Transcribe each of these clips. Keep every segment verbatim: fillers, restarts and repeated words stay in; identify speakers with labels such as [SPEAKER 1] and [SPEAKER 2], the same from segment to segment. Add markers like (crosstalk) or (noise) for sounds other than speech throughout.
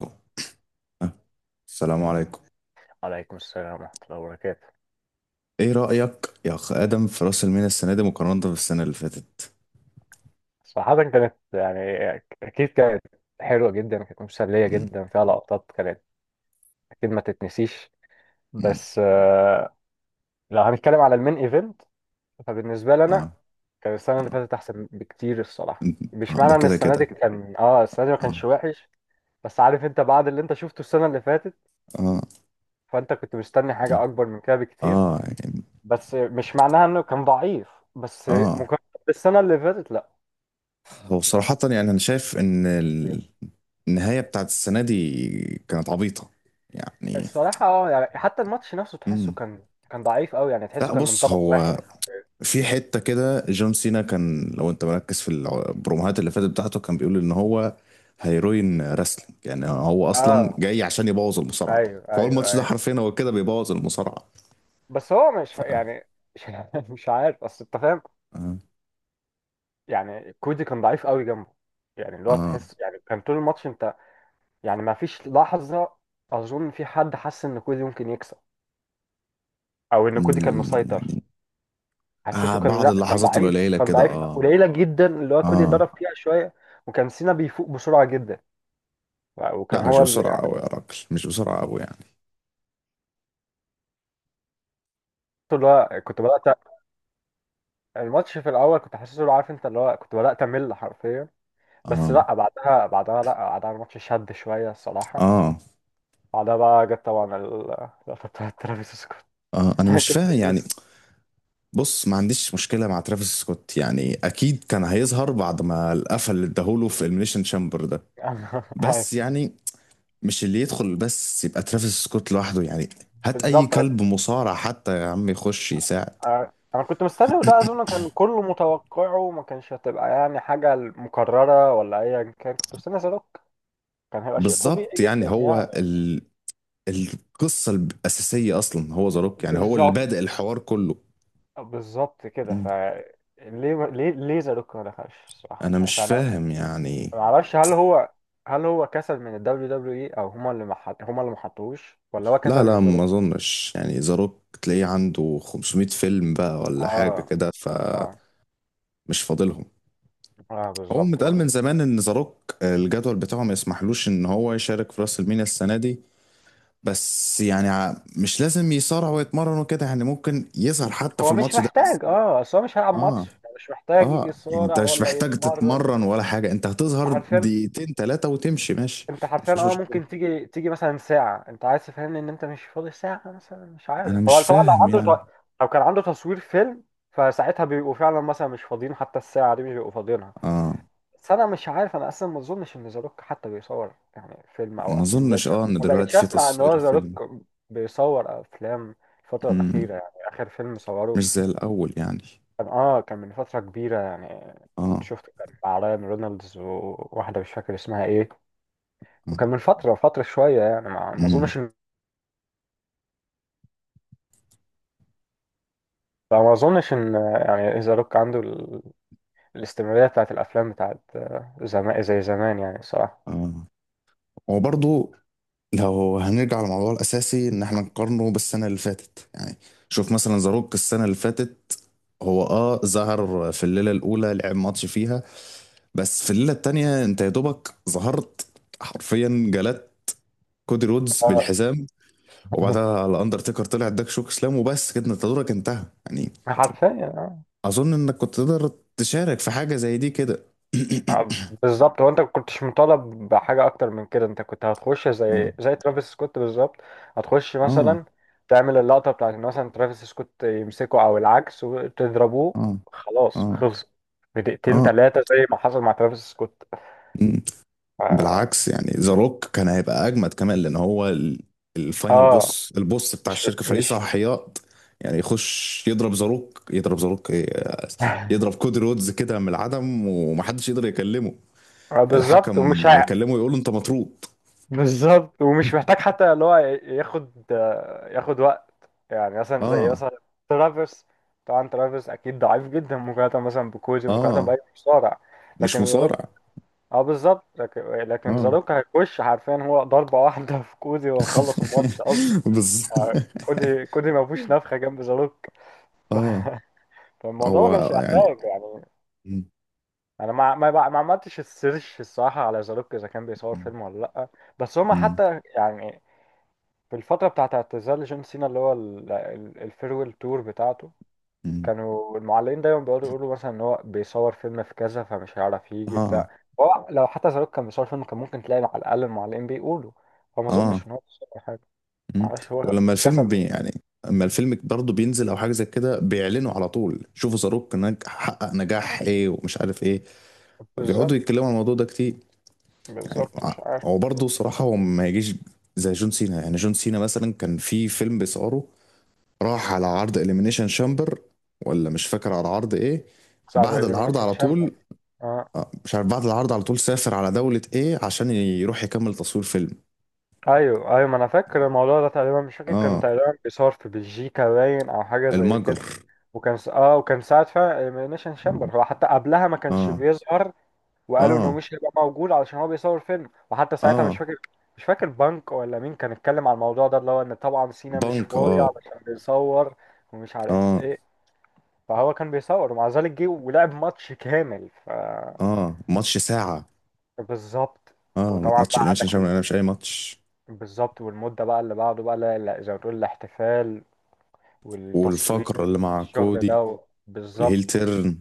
[SPEAKER 1] آه، السلام عليكم.
[SPEAKER 2] عليكم السلام ورحمة الله وبركاته.
[SPEAKER 1] ايه رأيك يا اخ ادم في راس المينا السنة دي مقارنة بالسنة اللي فاتت؟
[SPEAKER 2] صراحة كانت يعني أكيد كانت حلوة جدا، كانت مسلية
[SPEAKER 1] مم،
[SPEAKER 2] جدا، فيها لقطات كانت أكيد ما تتنسيش.
[SPEAKER 1] مم،
[SPEAKER 2] بس آه، لو هنتكلم على المين إيفنت فبالنسبة لي أنا
[SPEAKER 1] اه،
[SPEAKER 2] كان السنة اللي فاتت أحسن بكتير الصراحة.
[SPEAKER 1] مم،
[SPEAKER 2] مش
[SPEAKER 1] آه، ده
[SPEAKER 2] معنى إن
[SPEAKER 1] كده
[SPEAKER 2] السنة
[SPEAKER 1] كده.
[SPEAKER 2] دي كان آه السنة دي ما كانش
[SPEAKER 1] اه،
[SPEAKER 2] وحش، بس عارف أنت بعد اللي أنت شفته السنة اللي فاتت
[SPEAKER 1] اه،
[SPEAKER 2] فأنت كنت مستني
[SPEAKER 1] مم،
[SPEAKER 2] حاجة أكبر من كده بكتير.
[SPEAKER 1] اه، يعني
[SPEAKER 2] بس مش معناها إنه كان ضعيف، بس
[SPEAKER 1] اه،
[SPEAKER 2] مقارنة بالسنة اللي فاتت.
[SPEAKER 1] هو
[SPEAKER 2] لا،
[SPEAKER 1] صراحة يعني انا شايف ان ال- النهاية بتاعت السنة دي كانت عبيطة يعني.
[SPEAKER 2] الصراحة اه يعني حتى الماتش نفسه تحسه
[SPEAKER 1] مم.
[SPEAKER 2] كان كان ضعيف قوي، يعني تحسه
[SPEAKER 1] لا
[SPEAKER 2] كان من
[SPEAKER 1] بص،
[SPEAKER 2] طرف
[SPEAKER 1] هو
[SPEAKER 2] واحد.
[SPEAKER 1] في حتة كده جون سينا كان، لو انت مركز في البروموهات اللي فاتت بتاعته، كان بيقول ان هو هيروين راسلينج، يعني هو اصلا
[SPEAKER 2] اه،
[SPEAKER 1] جاي عشان يبوظ المصارعة.
[SPEAKER 2] ايوه
[SPEAKER 1] فهو
[SPEAKER 2] ايوه
[SPEAKER 1] الماتش ده
[SPEAKER 2] ايوه.
[SPEAKER 1] حرفيا هو كده بيبوظ المصارعة.
[SPEAKER 2] بس هو مش
[SPEAKER 1] ف
[SPEAKER 2] يعني مش (laughs) مش عارف، اصل انت فاهم
[SPEAKER 1] اه,
[SPEAKER 2] يعني. كودي كان ضعيف قوي جنبه، يعني اللي هو
[SPEAKER 1] آه.
[SPEAKER 2] تحس يعني كان طول الماتش انت، يعني ما فيش لحظة اظن في حد حس ان كودي ممكن يكسب او ان كودي كان
[SPEAKER 1] م-
[SPEAKER 2] مسيطر.
[SPEAKER 1] يعني آه
[SPEAKER 2] حسيته كان،
[SPEAKER 1] بعض
[SPEAKER 2] لا، كان
[SPEAKER 1] اللحظات
[SPEAKER 2] ضعيف،
[SPEAKER 1] القليلة
[SPEAKER 2] كان
[SPEAKER 1] كده.
[SPEAKER 2] ضعيف
[SPEAKER 1] اه،
[SPEAKER 2] قليلة جدا اللي هو كودي ضرب
[SPEAKER 1] اه.
[SPEAKER 2] فيها شوية. وكان سينا بيفوق بسرعة جدا،
[SPEAKER 1] لا
[SPEAKER 2] وكان
[SPEAKER 1] مش
[SPEAKER 2] هو اللي
[SPEAKER 1] بسرعة
[SPEAKER 2] يعني
[SPEAKER 1] قوي يا راجل، مش بسرعة قوي يعني.
[SPEAKER 2] اللي هو كنت بدأت الماتش في الاول كنت حاسس له، عارف انت اللي هو كنت بدات امل حرفيا. بس
[SPEAKER 1] اه،
[SPEAKER 2] لا، بعدها، بعدها لا بعدها الماتش شد شويه الصراحه.
[SPEAKER 1] اه،
[SPEAKER 2] بعدها بقى جت طبعا ال- (laughs) اللقطه بتاعت ترافيس سكوت.
[SPEAKER 1] اه، انا مش
[SPEAKER 2] (laughs) كنت
[SPEAKER 1] فاهم يعني.
[SPEAKER 2] ناسي.
[SPEAKER 1] بص ما عنديش مشكلة مع ترافيس سكوت، يعني أكيد كان هيظهر بعد ما القفل اللي اداهوله في إليمينيشن شامبر ده.
[SPEAKER 2] أنا- (laughs)
[SPEAKER 1] بس
[SPEAKER 2] أيوه.
[SPEAKER 1] يعني مش اللي يدخل بس يبقى ترافيس سكوت لوحده يعني. هات أي
[SPEAKER 2] بالظبط،
[SPEAKER 1] كلب مصارع حتى يا عم يخش يساعد.
[SPEAKER 2] أنا أنا كنت مستني، وده اظن كان كله متوقعه وما كانش هتبقى يعني حاجه مكرره ولا ايا كان. كنت مستني زاروك، كان هيبقى شيء طبيعي
[SPEAKER 1] بالظبط. يعني
[SPEAKER 2] جدا يعني.
[SPEAKER 1] هو ال... القصة الأساسية أصلا هو ذا روك، يعني هو اللي
[SPEAKER 2] بالظبط،
[SPEAKER 1] بادئ الحوار كله.
[SPEAKER 2] بالظبط كده.
[SPEAKER 1] مم.
[SPEAKER 2] ف ليه ليه ليه زاروك ما دخلش الصراحه؟
[SPEAKER 1] أنا
[SPEAKER 2] مش عارف
[SPEAKER 1] مش
[SPEAKER 2] انا،
[SPEAKER 1] فاهم يعني.
[SPEAKER 2] ما اعرفش. هل هو هل هو كسل من ال دبليو دبليو إي اي، او هما اللي مح... هما اللي محطوش، ولا هو
[SPEAKER 1] لا،
[SPEAKER 2] كسل من
[SPEAKER 1] لا،
[SPEAKER 2] ظروف.
[SPEAKER 1] ما أظنش، يعني ذا روك تلاقيه عنده 500 فيلم بقى ولا حاجة
[SPEAKER 2] اه
[SPEAKER 1] كده.
[SPEAKER 2] اه
[SPEAKER 1] فمش فاضلهم.
[SPEAKER 2] اه،
[SPEAKER 1] هو
[SPEAKER 2] بالظبط
[SPEAKER 1] متقال من
[SPEAKER 2] برضه.
[SPEAKER 1] زمان ان ذا روك، آه، الجدول بتاعه ما يسمحلوش ان هو يشارك في راس المينيا السنه دي. بس يعني ع- مش لازم يصارع ويتمرن وكده، يعني ممكن يظهر حتى في
[SPEAKER 2] هو مش
[SPEAKER 1] الماتش ده بس.
[SPEAKER 2] محتاج، اه اصل هو مش هيلعب
[SPEAKER 1] اه،
[SPEAKER 2] ماتش، مش محتاج
[SPEAKER 1] اه، يعني انت
[SPEAKER 2] يصارع
[SPEAKER 1] مش
[SPEAKER 2] ولا
[SPEAKER 1] محتاج
[SPEAKER 2] يتمرن.
[SPEAKER 1] تتمرن ولا حاجه، انت هتظهر
[SPEAKER 2] حرفيا،
[SPEAKER 1] دقيقتين ثلاثه وتمشي ماشي.
[SPEAKER 2] انت حرفيا
[SPEAKER 1] مفيش
[SPEAKER 2] اه
[SPEAKER 1] مشكله.
[SPEAKER 2] ممكن تيجي تيجي مثلا ساعة انت عايز تفهمني ان انت مش فاضي ساعة مثلا. مش
[SPEAKER 1] انا
[SPEAKER 2] عارف هو
[SPEAKER 1] مش
[SPEAKER 2] طبعا لو
[SPEAKER 1] فاهم
[SPEAKER 2] عنده
[SPEAKER 1] يعني.
[SPEAKER 2] ت- لو كان عنده تصوير فيلم فساعتها بيبقوا فعلا مثلا مش فاضيين، حتى الساعة دي مش بيبقوا فاضيينها.
[SPEAKER 1] اه،
[SPEAKER 2] بس انا مش عارف، انا اصلا ما اظنش ان ذا روك حتى بيصور يعني فيلم او
[SPEAKER 1] ما
[SPEAKER 2] افلام. ما
[SPEAKER 1] اظنش
[SPEAKER 2] بقتش،
[SPEAKER 1] اه ان
[SPEAKER 2] ما بقتش
[SPEAKER 1] دلوقتي في
[SPEAKER 2] اسمع ان
[SPEAKER 1] تصوير
[SPEAKER 2] هو ذا روك
[SPEAKER 1] الفيلم.
[SPEAKER 2] بيصور افلام الفتره
[SPEAKER 1] مم.
[SPEAKER 2] الاخيره. يعني اخر فيلم صوره
[SPEAKER 1] مش زي الاول يعني.
[SPEAKER 2] كان اه كان من فتره كبيره يعني، كنت
[SPEAKER 1] اه،
[SPEAKER 2] شفته كان مع رايان رونالدز وواحده مش فاكر اسمها ايه،
[SPEAKER 1] اه،
[SPEAKER 2] وكان من فتره فتره شويه يعني. ما ما
[SPEAKER 1] مم.
[SPEAKER 2] اظنش ان ما اظنش ان يعني ذا روك عنده ال... الاستمراريه بتاعت الافلام بتاعت زمان زي زمان يعني الصراحه.
[SPEAKER 1] اه، هو برضه، لو هنرجع للموضوع الأساسي إن إحنا نقارنه بالسنة اللي فاتت يعني، شوف مثلا زاروك السنة اللي فاتت، هو آه ظهر في الليلة الأولى، لعب ماتش فيها. بس في الليلة التانية أنت يا دوبك ظهرت، حرفيا جلدت كودي رودز
[SPEAKER 2] آه،
[SPEAKER 1] بالحزام. وبعدها الأندرتيكر طلع اداك شوك سلام وبس كده أنت دورك انتهى يعني.
[SPEAKER 2] (laughs) حرفيا.
[SPEAKER 1] أظن إنك كنت تقدر تشارك في حاجة زي دي كده.
[SPEAKER 2] آه، بالظبط، هو انت ما كنتش مطالب بحاجه اكتر من كده. انت كنت هتخش
[SPEAKER 1] (coughs) آه،
[SPEAKER 2] زي زي ترافيس سكوت بالظبط. هتخش
[SPEAKER 1] آه،
[SPEAKER 2] مثلا تعمل اللقطه بتاعت ان مثلا ترافيس سكوت يمسكه او العكس وتضربوه،
[SPEAKER 1] آه،
[SPEAKER 2] خلاص خلص في دقيقتين
[SPEAKER 1] آه،
[SPEAKER 2] ثلاثه زي ما حصل مع ترافيس سكوت.
[SPEAKER 1] آه،
[SPEAKER 2] اه.
[SPEAKER 1] بالعكس، يعني ذا روك كان هيبقى اجمد كمان، لان هو ال- الفاينل
[SPEAKER 2] آه،
[SPEAKER 1] بوس، البوس بتاع
[SPEAKER 2] مش
[SPEAKER 1] الشركه، فريق
[SPEAKER 2] مش
[SPEAKER 1] صلاحيات. يعني يخش يضرب ذا روك، يضرب ذا روك ايه،
[SPEAKER 2] (laughs)
[SPEAKER 1] يضرب كودي رودز كده من العدم ومحدش يقدر يكلمه.
[SPEAKER 2] آه، بالظبط. ومش
[SPEAKER 1] الحكم
[SPEAKER 2] هي-
[SPEAKER 1] هيكلمه يقول له انت مطرود.
[SPEAKER 2] بالظبط، ومش محتاج
[SPEAKER 1] (laughs)
[SPEAKER 2] حتى اللي هو ياخد ياخد وقت. يعني مثلا زي
[SPEAKER 1] اه،
[SPEAKER 2] مثلا ترافيس، طبعا ترافيس اكيد ضعيف جدا مقارنه مثلا بكوزي، مقارنه باي
[SPEAKER 1] اه،
[SPEAKER 2] مصارع،
[SPEAKER 1] مش
[SPEAKER 2] لكن زاروك،
[SPEAKER 1] مصارع.
[SPEAKER 2] اه بالظبط. لكن لكن
[SPEAKER 1] اه،
[SPEAKER 2] زاروك هيخش حرفيا هو ضربه واحده في كوزي وخلص الماتش اصلا.
[SPEAKER 1] (laughs) بالظبط.
[SPEAKER 2] آه، كوزي كوزي ما فيهوش نفخه جنب زاروك. (laughs) ف-
[SPEAKER 1] اه،
[SPEAKER 2] فالموضوع ما
[SPEAKER 1] هو
[SPEAKER 2] كانش
[SPEAKER 1] يعني
[SPEAKER 2] يحتاج يعني.
[SPEAKER 1] م-
[SPEAKER 2] انا ما ما ما عملتش السيرش الصراحه على زاروك اذا كان بيصور
[SPEAKER 1] م-
[SPEAKER 2] فيلم ولا لا. بس هما
[SPEAKER 1] م-
[SPEAKER 2] حتى يعني في الفترة بتاعت اعتزال جون سينا اللي هو ال- ال- الفيرويل تور بتاعته
[SPEAKER 1] م-
[SPEAKER 2] كانوا المعلقين دايما بيقعدوا يقولوا مثلا ان هو بيصور فيلم في كذا فمش هيعرف يجي
[SPEAKER 1] اه،
[SPEAKER 2] بتاع. هو لو حتى زاروك كان بيصور فيلم كان ممكن تلاقي على الأقل المعلقين بيقولوا، فما
[SPEAKER 1] اه،
[SPEAKER 2] أظنش إن هو بيصور حاجة.
[SPEAKER 1] مم.
[SPEAKER 2] معرفش، هو
[SPEAKER 1] ولما الفيلم
[SPEAKER 2] كسل.
[SPEAKER 1] بي يعني اما الفيلم برضه بينزل او حاجه زي كده، بيعلنوا على طول، شوفوا زاروك نج- حقق نجاح ايه ومش عارف ايه، بيقعدوا
[SPEAKER 2] بالظبط،
[SPEAKER 1] يتكلموا عن الموضوع ده كتير. يعني
[SPEAKER 2] بالظبط،
[SPEAKER 1] ع-
[SPEAKER 2] مش عارف.
[SPEAKER 1] هو برضه صراحه هو ما يجيش زي جون سينا، يعني جون سينا مثلا كان في فيلم بيصوره، راح على عرض اليمينيشن شامبر، ولا مش فاكر على عرض ايه،
[SPEAKER 2] ساعة
[SPEAKER 1] بعد العرض
[SPEAKER 2] الإليمينيشن
[SPEAKER 1] على
[SPEAKER 2] شامبر،
[SPEAKER 1] طول.
[SPEAKER 2] اه.
[SPEAKER 1] آه، مش عارف بعد العرض على طول سافر على دولة ايه عشان يروح يكمل تصوير فيلم.
[SPEAKER 2] أيوه أيوه، ما أنا فاكر الموضوع ده تقريبا، مش فاكر، كان
[SPEAKER 1] اه،
[SPEAKER 2] تقريبا بيصور في بلجيكا باين أو حاجة زي كده.
[SPEAKER 1] المجر.
[SPEAKER 2] وكان س... اه وكان ساعة فعلا الإليمينيشن
[SPEAKER 1] اه،
[SPEAKER 2] شامبر هو حتى قبلها ما كانش
[SPEAKER 1] اه،
[SPEAKER 2] بيظهر، وقالوا انه
[SPEAKER 1] اه،
[SPEAKER 2] مش هيبقى موجود علشان هو بيصور فيلم. وحتى ساعتها مش
[SPEAKER 1] آه.
[SPEAKER 2] فاكر، مش فاكر بنك ولا مين كان اتكلم على الموضوع ده اللي هو ان طبعا سينا مش
[SPEAKER 1] بنك،
[SPEAKER 2] فاضي
[SPEAKER 1] اه،
[SPEAKER 2] علشان بيصور ومش عارف
[SPEAKER 1] اه،
[SPEAKER 2] ايه. فهو كان بيصور ومع ذلك جه ولعب ماتش كامل. ف
[SPEAKER 1] اه، ماتش ساعة.
[SPEAKER 2] بالظبط.
[SPEAKER 1] اه،
[SPEAKER 2] وطبعا
[SPEAKER 1] ماتش
[SPEAKER 2] بقى
[SPEAKER 1] إليميشن
[SPEAKER 2] عندك
[SPEAKER 1] شامبيون،
[SPEAKER 2] ال...
[SPEAKER 1] انا مش اي ماتش.
[SPEAKER 2] بالظبط، والمدة بقى اللي بعده بقى لا- لا، زي ما تقول الاحتفال والتصوير،
[SPEAKER 1] والفقرة اللي مع
[SPEAKER 2] الشغل ده
[SPEAKER 1] كودي
[SPEAKER 2] و...
[SPEAKER 1] والهيل
[SPEAKER 2] بالظبط،
[SPEAKER 1] تيرن.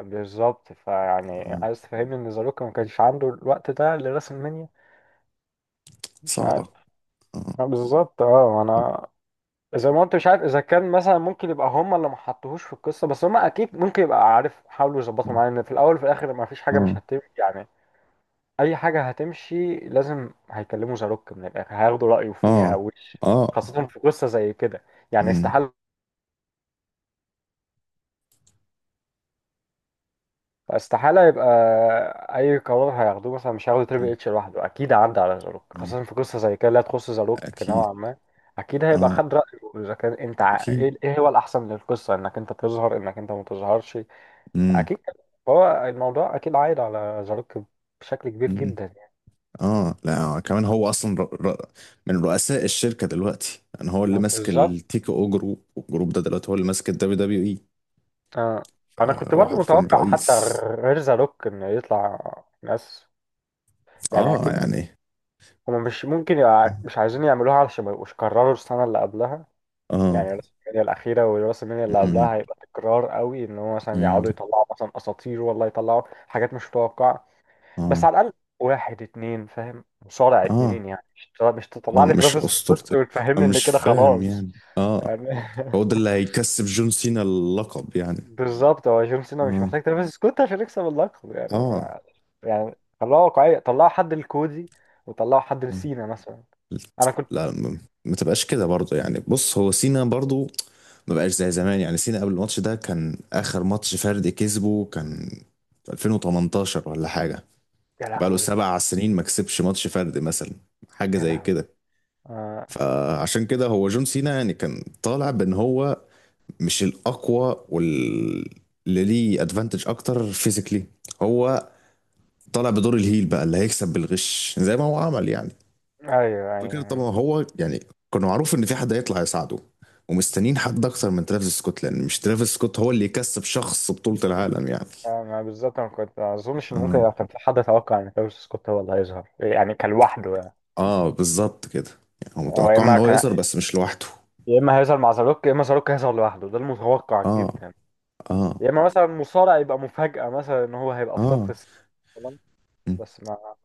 [SPEAKER 2] بالظبط. فيعني
[SPEAKER 1] آه.
[SPEAKER 2] عايز تفهمني ان زاروكا ما كانش عنده الوقت ده لرسم المنيا؟ مش
[SPEAKER 1] صعبة.
[SPEAKER 2] عارف.
[SPEAKER 1] اه،
[SPEAKER 2] لا، بالظبط اه. انا زي ما قلت، مش عارف اذا كان مثلا ممكن يبقى هم اللي ما حطوهوش في القصه، بس هم اكيد ممكن يبقى. عارف، حاولوا يظبطوا معايا ان في الاول وفي الاخر ما فيش حاجه مش
[SPEAKER 1] اه،
[SPEAKER 2] هتمشي يعني، اي حاجه هتمشي لازم هيكلموا زاروك. من الاخر هياخدوا رايه
[SPEAKER 1] اه،
[SPEAKER 2] فيها
[SPEAKER 1] اه،
[SPEAKER 2] وش،
[SPEAKER 1] آه،
[SPEAKER 2] خاصه في قصه زي كده. يعني
[SPEAKER 1] مم.
[SPEAKER 2] استحاله، استحالة يبقى أي قرار هياخدوه مثلا. مش هياخدوا تريبل اتش لوحده، أكيد عدى على زاروك،
[SPEAKER 1] مم.
[SPEAKER 2] خاصة في قصة زي كده لا تخص زاروك
[SPEAKER 1] اكيد.
[SPEAKER 2] نوعا ما. أكيد هيبقى
[SPEAKER 1] اه،
[SPEAKER 2] خد رأيه إذا كان أنت ع-
[SPEAKER 1] اكيد.
[SPEAKER 2] إيه، إيه هو الأحسن للقصة، إنك أنت تظهر إنك أنت ما تظهرش.
[SPEAKER 1] مم.
[SPEAKER 2] أكيد كده. هو الموضوع أكيد عايد على زاروك بشكل كبير
[SPEAKER 1] مم.
[SPEAKER 2] جدا يعني.
[SPEAKER 1] اه، لا، كمان هو اصلا ر... ر... من رؤساء الشركة دلوقتي، يعني هو اللي
[SPEAKER 2] لا،
[SPEAKER 1] ماسك
[SPEAKER 2] بالظبط.
[SPEAKER 1] التيكي او جروب، والجروب ده دلوقتي هو اللي ماسك الدبليو دبليو اي.
[SPEAKER 2] آه، أنا كنت
[SPEAKER 1] هو
[SPEAKER 2] برضو
[SPEAKER 1] حرفيا
[SPEAKER 2] متوقع حتى
[SPEAKER 1] رئيس.
[SPEAKER 2] غير زاروك إنه يطلع ناس، يعني
[SPEAKER 1] اه،
[SPEAKER 2] أكيد
[SPEAKER 1] يعني
[SPEAKER 2] هما مش ممكن
[SPEAKER 1] اه،
[SPEAKER 2] يبقى مش عايزين يعملوها علشان ما يبقوش كرروا السنة اللي قبلها.
[SPEAKER 1] آه.
[SPEAKER 2] يعني راس المنيا الأخيرة وراس المنيا اللي
[SPEAKER 1] مم.
[SPEAKER 2] قبلها هيبقى تكرار قوي إن هو مثلا
[SPEAKER 1] مم.
[SPEAKER 2] يقعدوا يطلعوا مثلا أساطير، والله يطلعوا حاجات مش متوقعة،
[SPEAKER 1] اه،
[SPEAKER 2] بس على الأقل واحد اتنين فاهم مصارع اتنين.
[SPEAKER 1] اه،
[SPEAKER 2] يعني مش تطلع مش
[SPEAKER 1] اه،
[SPEAKER 2] تطلع لي
[SPEAKER 1] مش
[SPEAKER 2] ترافيس
[SPEAKER 1] اسطورتي.
[SPEAKER 2] سكوت وتفهمني
[SPEAKER 1] انا
[SPEAKER 2] إن
[SPEAKER 1] مش
[SPEAKER 2] كده
[SPEAKER 1] فاهم
[SPEAKER 2] خلاص،
[SPEAKER 1] يعني. اه،
[SPEAKER 2] يعني
[SPEAKER 1] هو
[SPEAKER 2] (laughs)
[SPEAKER 1] ده اللي هيكسب جون سينا اللقب يعني.
[SPEAKER 2] بالظبط، هو جون سينا مش
[SPEAKER 1] اه،
[SPEAKER 2] محتاج ترافيس سكوت عشان يكسب اللقب، يعني
[SPEAKER 1] اه،
[SPEAKER 2] ما- يعني طلعوا واقعية، طلعوا حد لكودي وطلعوا حد لسينا مثلا. أنا كنت،
[SPEAKER 1] لا، م- ما تبقاش كده برضه، يعني بص هو سينا برضه ما بقاش زي زمان. يعني سينا قبل الماتش ده كان اخر ماتش فردي كسبه كان في ألفين وتمنتاشر ولا حاجه.
[SPEAKER 2] يا
[SPEAKER 1] بقاله
[SPEAKER 2] لهوي،
[SPEAKER 1] سبع سنين ما كسبش ماتش فردي مثلا، حاجه
[SPEAKER 2] يا
[SPEAKER 1] زي
[SPEAKER 2] لهوي،
[SPEAKER 1] كده.
[SPEAKER 2] آه...
[SPEAKER 1] فعشان كده هو جون سينا يعني كان طالع بان هو مش الاقوى، وال اللي ليه ادفانتج اكتر فيزيكلي. هو طالع بدور الهيل بقى اللي هيكسب بالغش زي ما هو عمل يعني.
[SPEAKER 2] أيوه
[SPEAKER 1] فاكر
[SPEAKER 2] أيوه.
[SPEAKER 1] طبعا هو يعني كان معروف ان في حد هيطلع يساعده، ومستنيين حد اكتر من ترافيس سكوت، لان مش ترافيس سكوت هو اللي يكسب شخص بطولة العالم يعني.
[SPEAKER 2] آه، ما بالظبط انا كنت ما اظنش ان
[SPEAKER 1] مم.
[SPEAKER 2] ممكن كان في حد توقع ان تايوس سكوت هو اللي هيظهر يعني، كان لوحده يعني.
[SPEAKER 1] اه، بالظبط كده. يعني هو
[SPEAKER 2] هو يا
[SPEAKER 1] متوقع ان
[SPEAKER 2] اما
[SPEAKER 1] هو يظهر
[SPEAKER 2] كان،
[SPEAKER 1] بس مش لوحده.
[SPEAKER 2] يا اما هيظهر مع زاروك، يا اما زاروك هيظهر لوحده، ده المتوقع
[SPEAKER 1] اه،
[SPEAKER 2] جدا.
[SPEAKER 1] اه،
[SPEAKER 2] يا اما مثلا مصارع يبقى مفاجأة مثلا ان هو هيبقى في صف
[SPEAKER 1] اه،
[SPEAKER 2] الس- مثلاً.
[SPEAKER 1] مم.
[SPEAKER 2] بس ما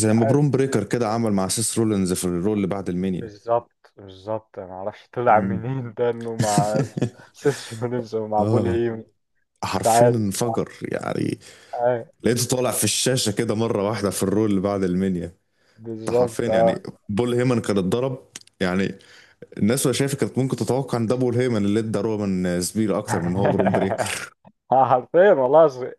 [SPEAKER 2] مش
[SPEAKER 1] ما
[SPEAKER 2] عارف.
[SPEAKER 1] برون بريكر كده عمل مع سيس رولينز في الرول اللي بعد المنيا.
[SPEAKER 2] بالظبط بالظبط، انا ما اعرفش طلع
[SPEAKER 1] مم.
[SPEAKER 2] منين ده انه مع سيس رولينز
[SPEAKER 1] (laughs)
[SPEAKER 2] ومع بول
[SPEAKER 1] اه،
[SPEAKER 2] هيم. مش
[SPEAKER 1] حرفيا
[SPEAKER 2] عارف.
[SPEAKER 1] انفجر يعني.
[SPEAKER 2] آه،
[SPEAKER 1] لقيته طالع في الشاشة كده مرة واحدة في الرول اللي بعد المنيا. انت حرفيا
[SPEAKER 2] بالظبط اه.
[SPEAKER 1] يعني بول هيمن كان اتضرب، يعني الناس وهي شايفة كانت ممكن تتوقع ان ده بول هيمن اللي ادى رومان سبير اكتر من هو برون
[SPEAKER 2] (laughs)
[SPEAKER 1] بريكر.
[SPEAKER 2] حرفيا والله،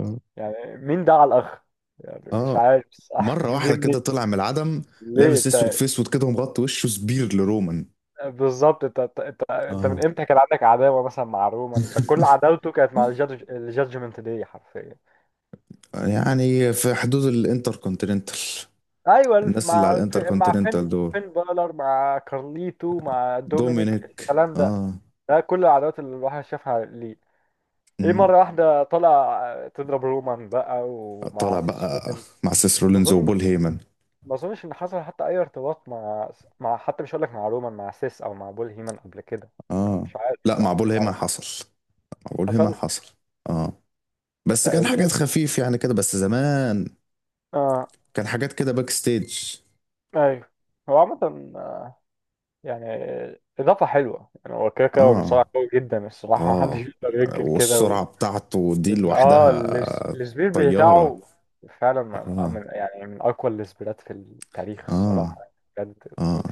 [SPEAKER 1] آه.
[SPEAKER 2] يعني مين ده على الاخر؟ يعني مش
[SPEAKER 1] اه،
[SPEAKER 2] عارف صح (laughs)
[SPEAKER 1] مرة
[SPEAKER 2] جه
[SPEAKER 1] واحدة كده
[SPEAKER 2] منين.
[SPEAKER 1] طلع من العدم،
[SPEAKER 2] ليه
[SPEAKER 1] لابس اسود
[SPEAKER 2] انت
[SPEAKER 1] في اسود كده ومغطي وشه، سبير لرومان.
[SPEAKER 2] بالظبط؟ انت انت انت انت من
[SPEAKER 1] اه،
[SPEAKER 2] امتى كان عندك عداوه مثلا مع رومان؟ انت كل عداوته كانت مع الجادج الجادجمنت داي حرفيا.
[SPEAKER 1] يعني في حدود الانتر كونتيننتال،
[SPEAKER 2] ايوه الف-
[SPEAKER 1] الناس اللي على
[SPEAKER 2] مع الف-
[SPEAKER 1] الانتر
[SPEAKER 2] مع فين؟
[SPEAKER 1] كونتيننتال دول،
[SPEAKER 2] فين بالر، مع كارليتو، مع دومينيك،
[SPEAKER 1] دومينيك،
[SPEAKER 2] الكلام ده،
[SPEAKER 1] اه.
[SPEAKER 2] ده كل العداوات اللي الواحد شافها ليه. ايه مره واحده طلع تضرب رومان بقى ومع
[SPEAKER 1] طالع
[SPEAKER 2] سيس
[SPEAKER 1] بقى
[SPEAKER 2] رولينز؟
[SPEAKER 1] مع سيس رولينز
[SPEAKER 2] اظن،
[SPEAKER 1] وبول هيمن.
[SPEAKER 2] ما اظنش ان حصل حتى اي ارتباط مع مع حتى، مش هقول لك مع رومان، مع سيس او مع بول هيمن قبل كده.
[SPEAKER 1] اه،
[SPEAKER 2] مش عارف
[SPEAKER 1] لا، مع
[SPEAKER 2] الصراحه،
[SPEAKER 1] بول
[SPEAKER 2] كان
[SPEAKER 1] هيمن
[SPEAKER 2] عارف.
[SPEAKER 1] حصل مع بول هيمن
[SPEAKER 2] حصل،
[SPEAKER 1] حصل اه، بس
[SPEAKER 2] ده
[SPEAKER 1] كان
[SPEAKER 2] امتى؟
[SPEAKER 1] حاجات خفيف يعني كده بس، زمان.
[SPEAKER 2] اه
[SPEAKER 1] كان حاجات كده باك ستيج.
[SPEAKER 2] ايوه. هو عامه آه، يعني اضافه حلوه يعني، هو كده كده هو
[SPEAKER 1] اه،
[SPEAKER 2] مصارع قوي جدا الصراحه (laughs) محدش
[SPEAKER 1] اه،
[SPEAKER 2] يقدر ينكر كده.
[SPEAKER 1] والسرعة
[SPEAKER 2] و...
[SPEAKER 1] بتاعته دي
[SPEAKER 2] وال... اه
[SPEAKER 1] لوحدها
[SPEAKER 2] الس- السبير
[SPEAKER 1] طيارة.
[SPEAKER 2] بتاعه فعلا من
[SPEAKER 1] اه،
[SPEAKER 2] من- يعني من اقوى السبيرات في التاريخ الصراحه،
[SPEAKER 1] اه،
[SPEAKER 2] بجد.
[SPEAKER 1] اه،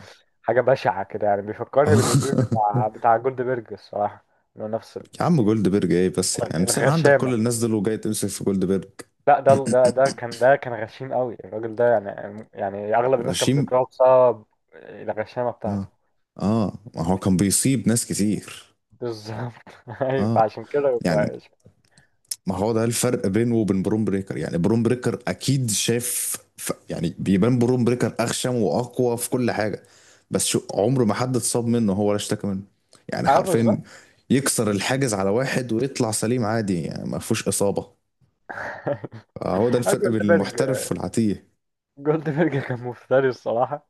[SPEAKER 2] حاجه بشعه كده يعني، بيفكرني بالسبير بتاع
[SPEAKER 1] (laughs)
[SPEAKER 2] بتاع جولدبرج الصراحه، انه نفس
[SPEAKER 1] يا عم جولد بيرج ايه بس يعني؟ امسك عندك كل
[SPEAKER 2] الغشامة.
[SPEAKER 1] الناس دول وجاي تمسك في جولد بيرج؟
[SPEAKER 2] لا، ده ده ده كان، ده كان غشيم قوي الراجل ده يعني، يعني اغلب الناس كانت
[SPEAKER 1] غشيم.
[SPEAKER 2] بتكرهه بسبب الغشامة بتاعته.
[SPEAKER 1] اه، اه، ما هو كان بيصيب ناس كتير.
[SPEAKER 2] بالظبط (laughs) ايوه
[SPEAKER 1] اه،
[SPEAKER 2] فعشان كده
[SPEAKER 1] يعني،
[SPEAKER 2] يبقى اسم.
[SPEAKER 1] ما هو ده الفرق بينه وبين بروم بريكر. يعني بروم بريكر اكيد شاف ف... يعني بيبان بروم بريكر اخشم واقوى في كل حاجه، بس شو عمره ما حد اتصاب منه هو ولا اشتكى منه. يعني
[SPEAKER 2] اه بالظبط.
[SPEAKER 1] حرفيا يكسر الحاجز على واحد ويطلع سليم عادي، يعني ما فيهوش اصابه.
[SPEAKER 2] (laughs)
[SPEAKER 1] هو ده
[SPEAKER 2] آه،
[SPEAKER 1] الفرق بين
[SPEAKER 2] جولدبرج،
[SPEAKER 1] المحترف والعتيه.
[SPEAKER 2] جولدبرج كان مفتري الصراحة.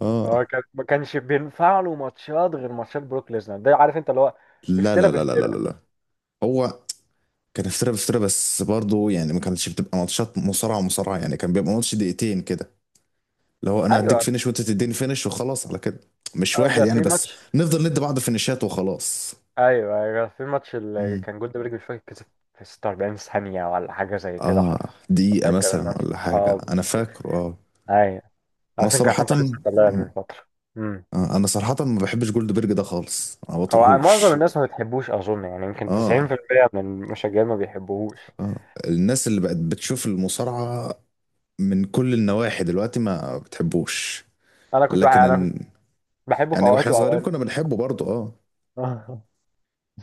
[SPEAKER 1] اه،
[SPEAKER 2] هو كان ما كانش بينفع له ماتشات غير ماتشات بروك ليزنر، ده عارف انت اللي هو
[SPEAKER 1] لا،
[SPEAKER 2] افترى
[SPEAKER 1] لا، لا، لا، لا،
[SPEAKER 2] بافترى.
[SPEAKER 1] لا، لا. هو كان افتراء افتراء، بس برضه يعني ما كانتش بتبقى ماتشات مصارعه مصارعه. يعني كان بيبقى ماتش دقيقتين كده. لو انا هديك
[SPEAKER 2] ايوه،
[SPEAKER 1] فينش وانت تديني فينش وخلاص على كده، مش
[SPEAKER 2] اه
[SPEAKER 1] واحد
[SPEAKER 2] ده
[SPEAKER 1] يعني
[SPEAKER 2] في
[SPEAKER 1] بس،
[SPEAKER 2] ماتش.
[SPEAKER 1] نفضل ندي بعض فينشات وخلاص.
[SPEAKER 2] ايوه ايوه، في ماتش اللي
[SPEAKER 1] امم.
[SPEAKER 2] كان جولد بريك مش فاكر كسب في ستة وأربعين ثانية ولا حاجة زي كده
[SPEAKER 1] اه،
[SPEAKER 2] حرفيا.
[SPEAKER 1] دقيقة
[SPEAKER 2] فاكر
[SPEAKER 1] مثلا
[SPEAKER 2] الماتش،
[SPEAKER 1] ولا
[SPEAKER 2] اه
[SPEAKER 1] حاجة انا
[SPEAKER 2] بالظبط.
[SPEAKER 1] فاكره اه.
[SPEAKER 2] ايوه،
[SPEAKER 1] انا
[SPEAKER 2] اصلا كان
[SPEAKER 1] صراحة،
[SPEAKER 2] حد لسه طلع من
[SPEAKER 1] آه.
[SPEAKER 2] فترة. امم.
[SPEAKER 1] آه، انا صراحة ما بحبش جولد بيرج ده خالص، ما
[SPEAKER 2] هو معظم
[SPEAKER 1] بطيقهوش.
[SPEAKER 2] الناس ما بتحبوش اظن، يعني يمكن
[SPEAKER 1] اه،
[SPEAKER 2] تسعين في المية من المشجعين ما بيحبوهوش.
[SPEAKER 1] اه، الناس اللي بقت بتشوف المصارعة من كل النواحي دلوقتي ما بتحبوش.
[SPEAKER 2] انا كنت بح-
[SPEAKER 1] لكن
[SPEAKER 2] انا كنت
[SPEAKER 1] إن-
[SPEAKER 2] بحبه في
[SPEAKER 1] يعني
[SPEAKER 2] اوقات
[SPEAKER 1] واحنا صغيرين
[SPEAKER 2] واوقات.
[SPEAKER 1] كنا بنحبه برضه اه.
[SPEAKER 2] (laughs)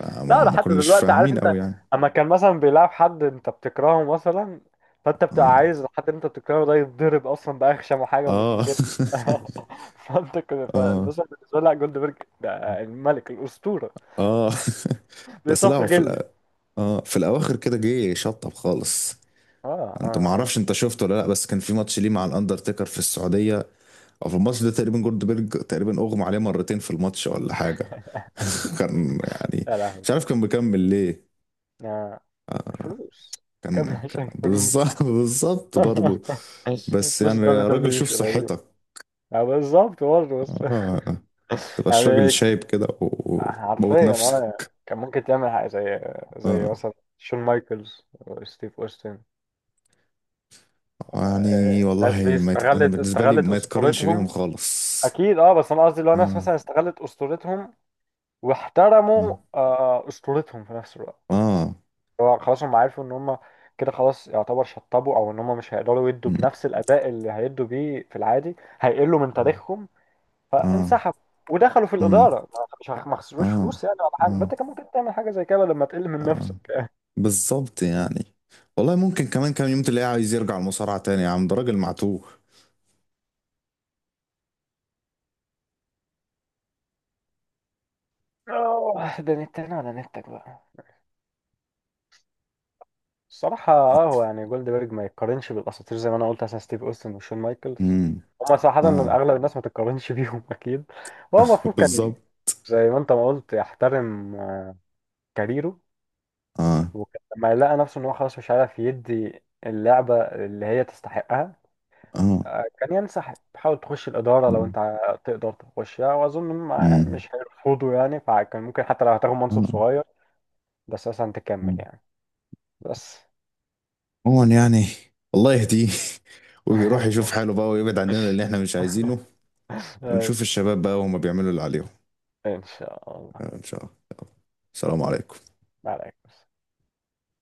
[SPEAKER 1] آه، ما
[SPEAKER 2] لا
[SPEAKER 1] ما
[SPEAKER 2] لحد
[SPEAKER 1] كناش
[SPEAKER 2] دلوقتي، عارف
[SPEAKER 1] فاهمين
[SPEAKER 2] انت،
[SPEAKER 1] قوي يعني.
[SPEAKER 2] اما كان مثلا بيلعب حد انت بتكرهه مثلا، فانت
[SPEAKER 1] اه،
[SPEAKER 2] بتبقى عايز الحد اللي انت بتكرهه ده يتضرب اصلا باخشم حاجه
[SPEAKER 1] اه،
[SPEAKER 2] ممكن. (laughs) فانت كده،
[SPEAKER 1] (laughs) اه،
[SPEAKER 2] فبس بالنسبه لي لا، جولدبرج ده الملك الاسطوره،
[SPEAKER 1] اه، (laughs) بس لا،
[SPEAKER 2] بيصفي
[SPEAKER 1] هو في
[SPEAKER 2] غل.
[SPEAKER 1] الأ... اه في الاواخر كده جه شطب خالص.
[SPEAKER 2] اه
[SPEAKER 1] انت ما
[SPEAKER 2] اه
[SPEAKER 1] اعرفش
[SPEAKER 2] اه،
[SPEAKER 1] انت شفته ولا لا، بس كان في ماتش ليه مع الاندرتيكر في السعوديه، او في الماتش ده تقريبا جولدبرج تقريبا اغمى عليه مرتين في الماتش ولا حاجه. (laughs) كان يعني
[SPEAKER 2] يا
[SPEAKER 1] مش
[SPEAKER 2] لهوي.
[SPEAKER 1] عارف كان مكمل ليه.
[SPEAKER 2] آه، الفلوس،
[SPEAKER 1] كان,
[SPEAKER 2] كان
[SPEAKER 1] كان
[SPEAKER 2] عشان فلوس.
[SPEAKER 1] بالظبط. (laughs) بالظبط برضه بس
[SPEAKER 2] فلوس
[SPEAKER 1] يعني
[SPEAKER 2] (laughs) دبليو
[SPEAKER 1] يا راجل
[SPEAKER 2] دبليو
[SPEAKER 1] شوف
[SPEAKER 2] مش قليل.
[SPEAKER 1] صحتك.
[SPEAKER 2] آه، بالظبط برضه بس
[SPEAKER 1] اه،
[SPEAKER 2] (laughs)
[SPEAKER 1] تبقاش راجل
[SPEAKER 2] يعني،
[SPEAKER 1] شايب كده وبوت
[SPEAKER 2] حرفيا اه يعني،
[SPEAKER 1] نفسك.
[SPEAKER 2] كان ممكن تعمل حاجة زي زي
[SPEAKER 1] اه،
[SPEAKER 2] مثلا شون مايكلز وستيف اوستن.
[SPEAKER 1] يعني
[SPEAKER 2] آه، الناس دي
[SPEAKER 1] والله ما يت... انا
[SPEAKER 2] استغلت،
[SPEAKER 1] بالنسبه لي
[SPEAKER 2] استغلت
[SPEAKER 1] ما يتقارنش بيهم
[SPEAKER 2] اسطورتهم،
[SPEAKER 1] خالص.
[SPEAKER 2] اكيد اه. بس انا قصدي لو ناس
[SPEAKER 1] آه،
[SPEAKER 2] مثلا استغلت اسطورتهم واحترموا
[SPEAKER 1] آه،
[SPEAKER 2] آه، اسطورتهم في نفس الوقت.
[SPEAKER 1] آه،
[SPEAKER 2] هو خلاص هم عارفوا ان هم كده خلاص يعتبر شطبوا، او ان هم مش هيقدروا يدوا
[SPEAKER 1] مم،
[SPEAKER 2] بنفس الاداء اللي هيدوا بيه في العادي، هيقلوا من
[SPEAKER 1] مم،
[SPEAKER 2] تاريخهم،
[SPEAKER 1] آه،
[SPEAKER 2] فانسحبوا ودخلوا في
[SPEAKER 1] مم،
[SPEAKER 2] الاداره. ما مش هخ- ما خسروش
[SPEAKER 1] آه،
[SPEAKER 2] فلوس يعني ولا حاجه. ما
[SPEAKER 1] آه،
[SPEAKER 2] انت كان ممكن تعمل حاجه زي كده لما تقل من
[SPEAKER 1] آه،
[SPEAKER 2] نفسك.
[SPEAKER 1] بالظبط. يعني والله ممكن كمان كام يوم تلاقيه عايز يرجع المصارعة تاني يا عم، ده راجل معتوه.
[SPEAKER 2] اه، ده نتنا على نتك بقى. الصراحة اه، هو يعني جولدبرج ما يتقارنش بالأساطير زي ما أنا قلت مثلا ستيف أوستن وشون مايكلز.
[SPEAKER 1] مم،
[SPEAKER 2] هما صراحة إن
[SPEAKER 1] آه،
[SPEAKER 2] أغلب الناس ما تتقارنش (laughs) بيهم أكيد. هو المفروض
[SPEAKER 1] (laughs)
[SPEAKER 2] كان
[SPEAKER 1] بالظبط.
[SPEAKER 2] زي ما أنت ما قلت يحترم كاريره،
[SPEAKER 1] آه،
[SPEAKER 2] وكان لما لقى نفسه إن هو خلاص مش عارف يدي اللعبة اللي هي تستحقها
[SPEAKER 1] آه،
[SPEAKER 2] آه، كان ينسحب، حاول تخش الإدارة لو
[SPEAKER 1] امم،
[SPEAKER 2] أنت ع- تقدر تخشها، وأظن إنهم مش هيرفضوا يعني، فكان ممكن حتى لو هتاخد
[SPEAKER 1] آه، مم،
[SPEAKER 2] منصب
[SPEAKER 1] آه،
[SPEAKER 2] صغير بس مثلا تكمل
[SPEAKER 1] آه.
[SPEAKER 2] يعني. بس
[SPEAKER 1] عموما يعني، الله يهديه (laughs) ويروح يشوف
[SPEAKER 2] (laughs)
[SPEAKER 1] حاله بقى ويبعد عننا اللي
[SPEAKER 2] (laughs)
[SPEAKER 1] احنا مش عايزينه.
[SPEAKER 2] طيب،
[SPEAKER 1] ونشوف الشباب بقى وهما بيعملوا اللي عليهم.
[SPEAKER 2] إن شاء الله.
[SPEAKER 1] آه، إن شاء الله. السلام عليكم.
[SPEAKER 2] عليك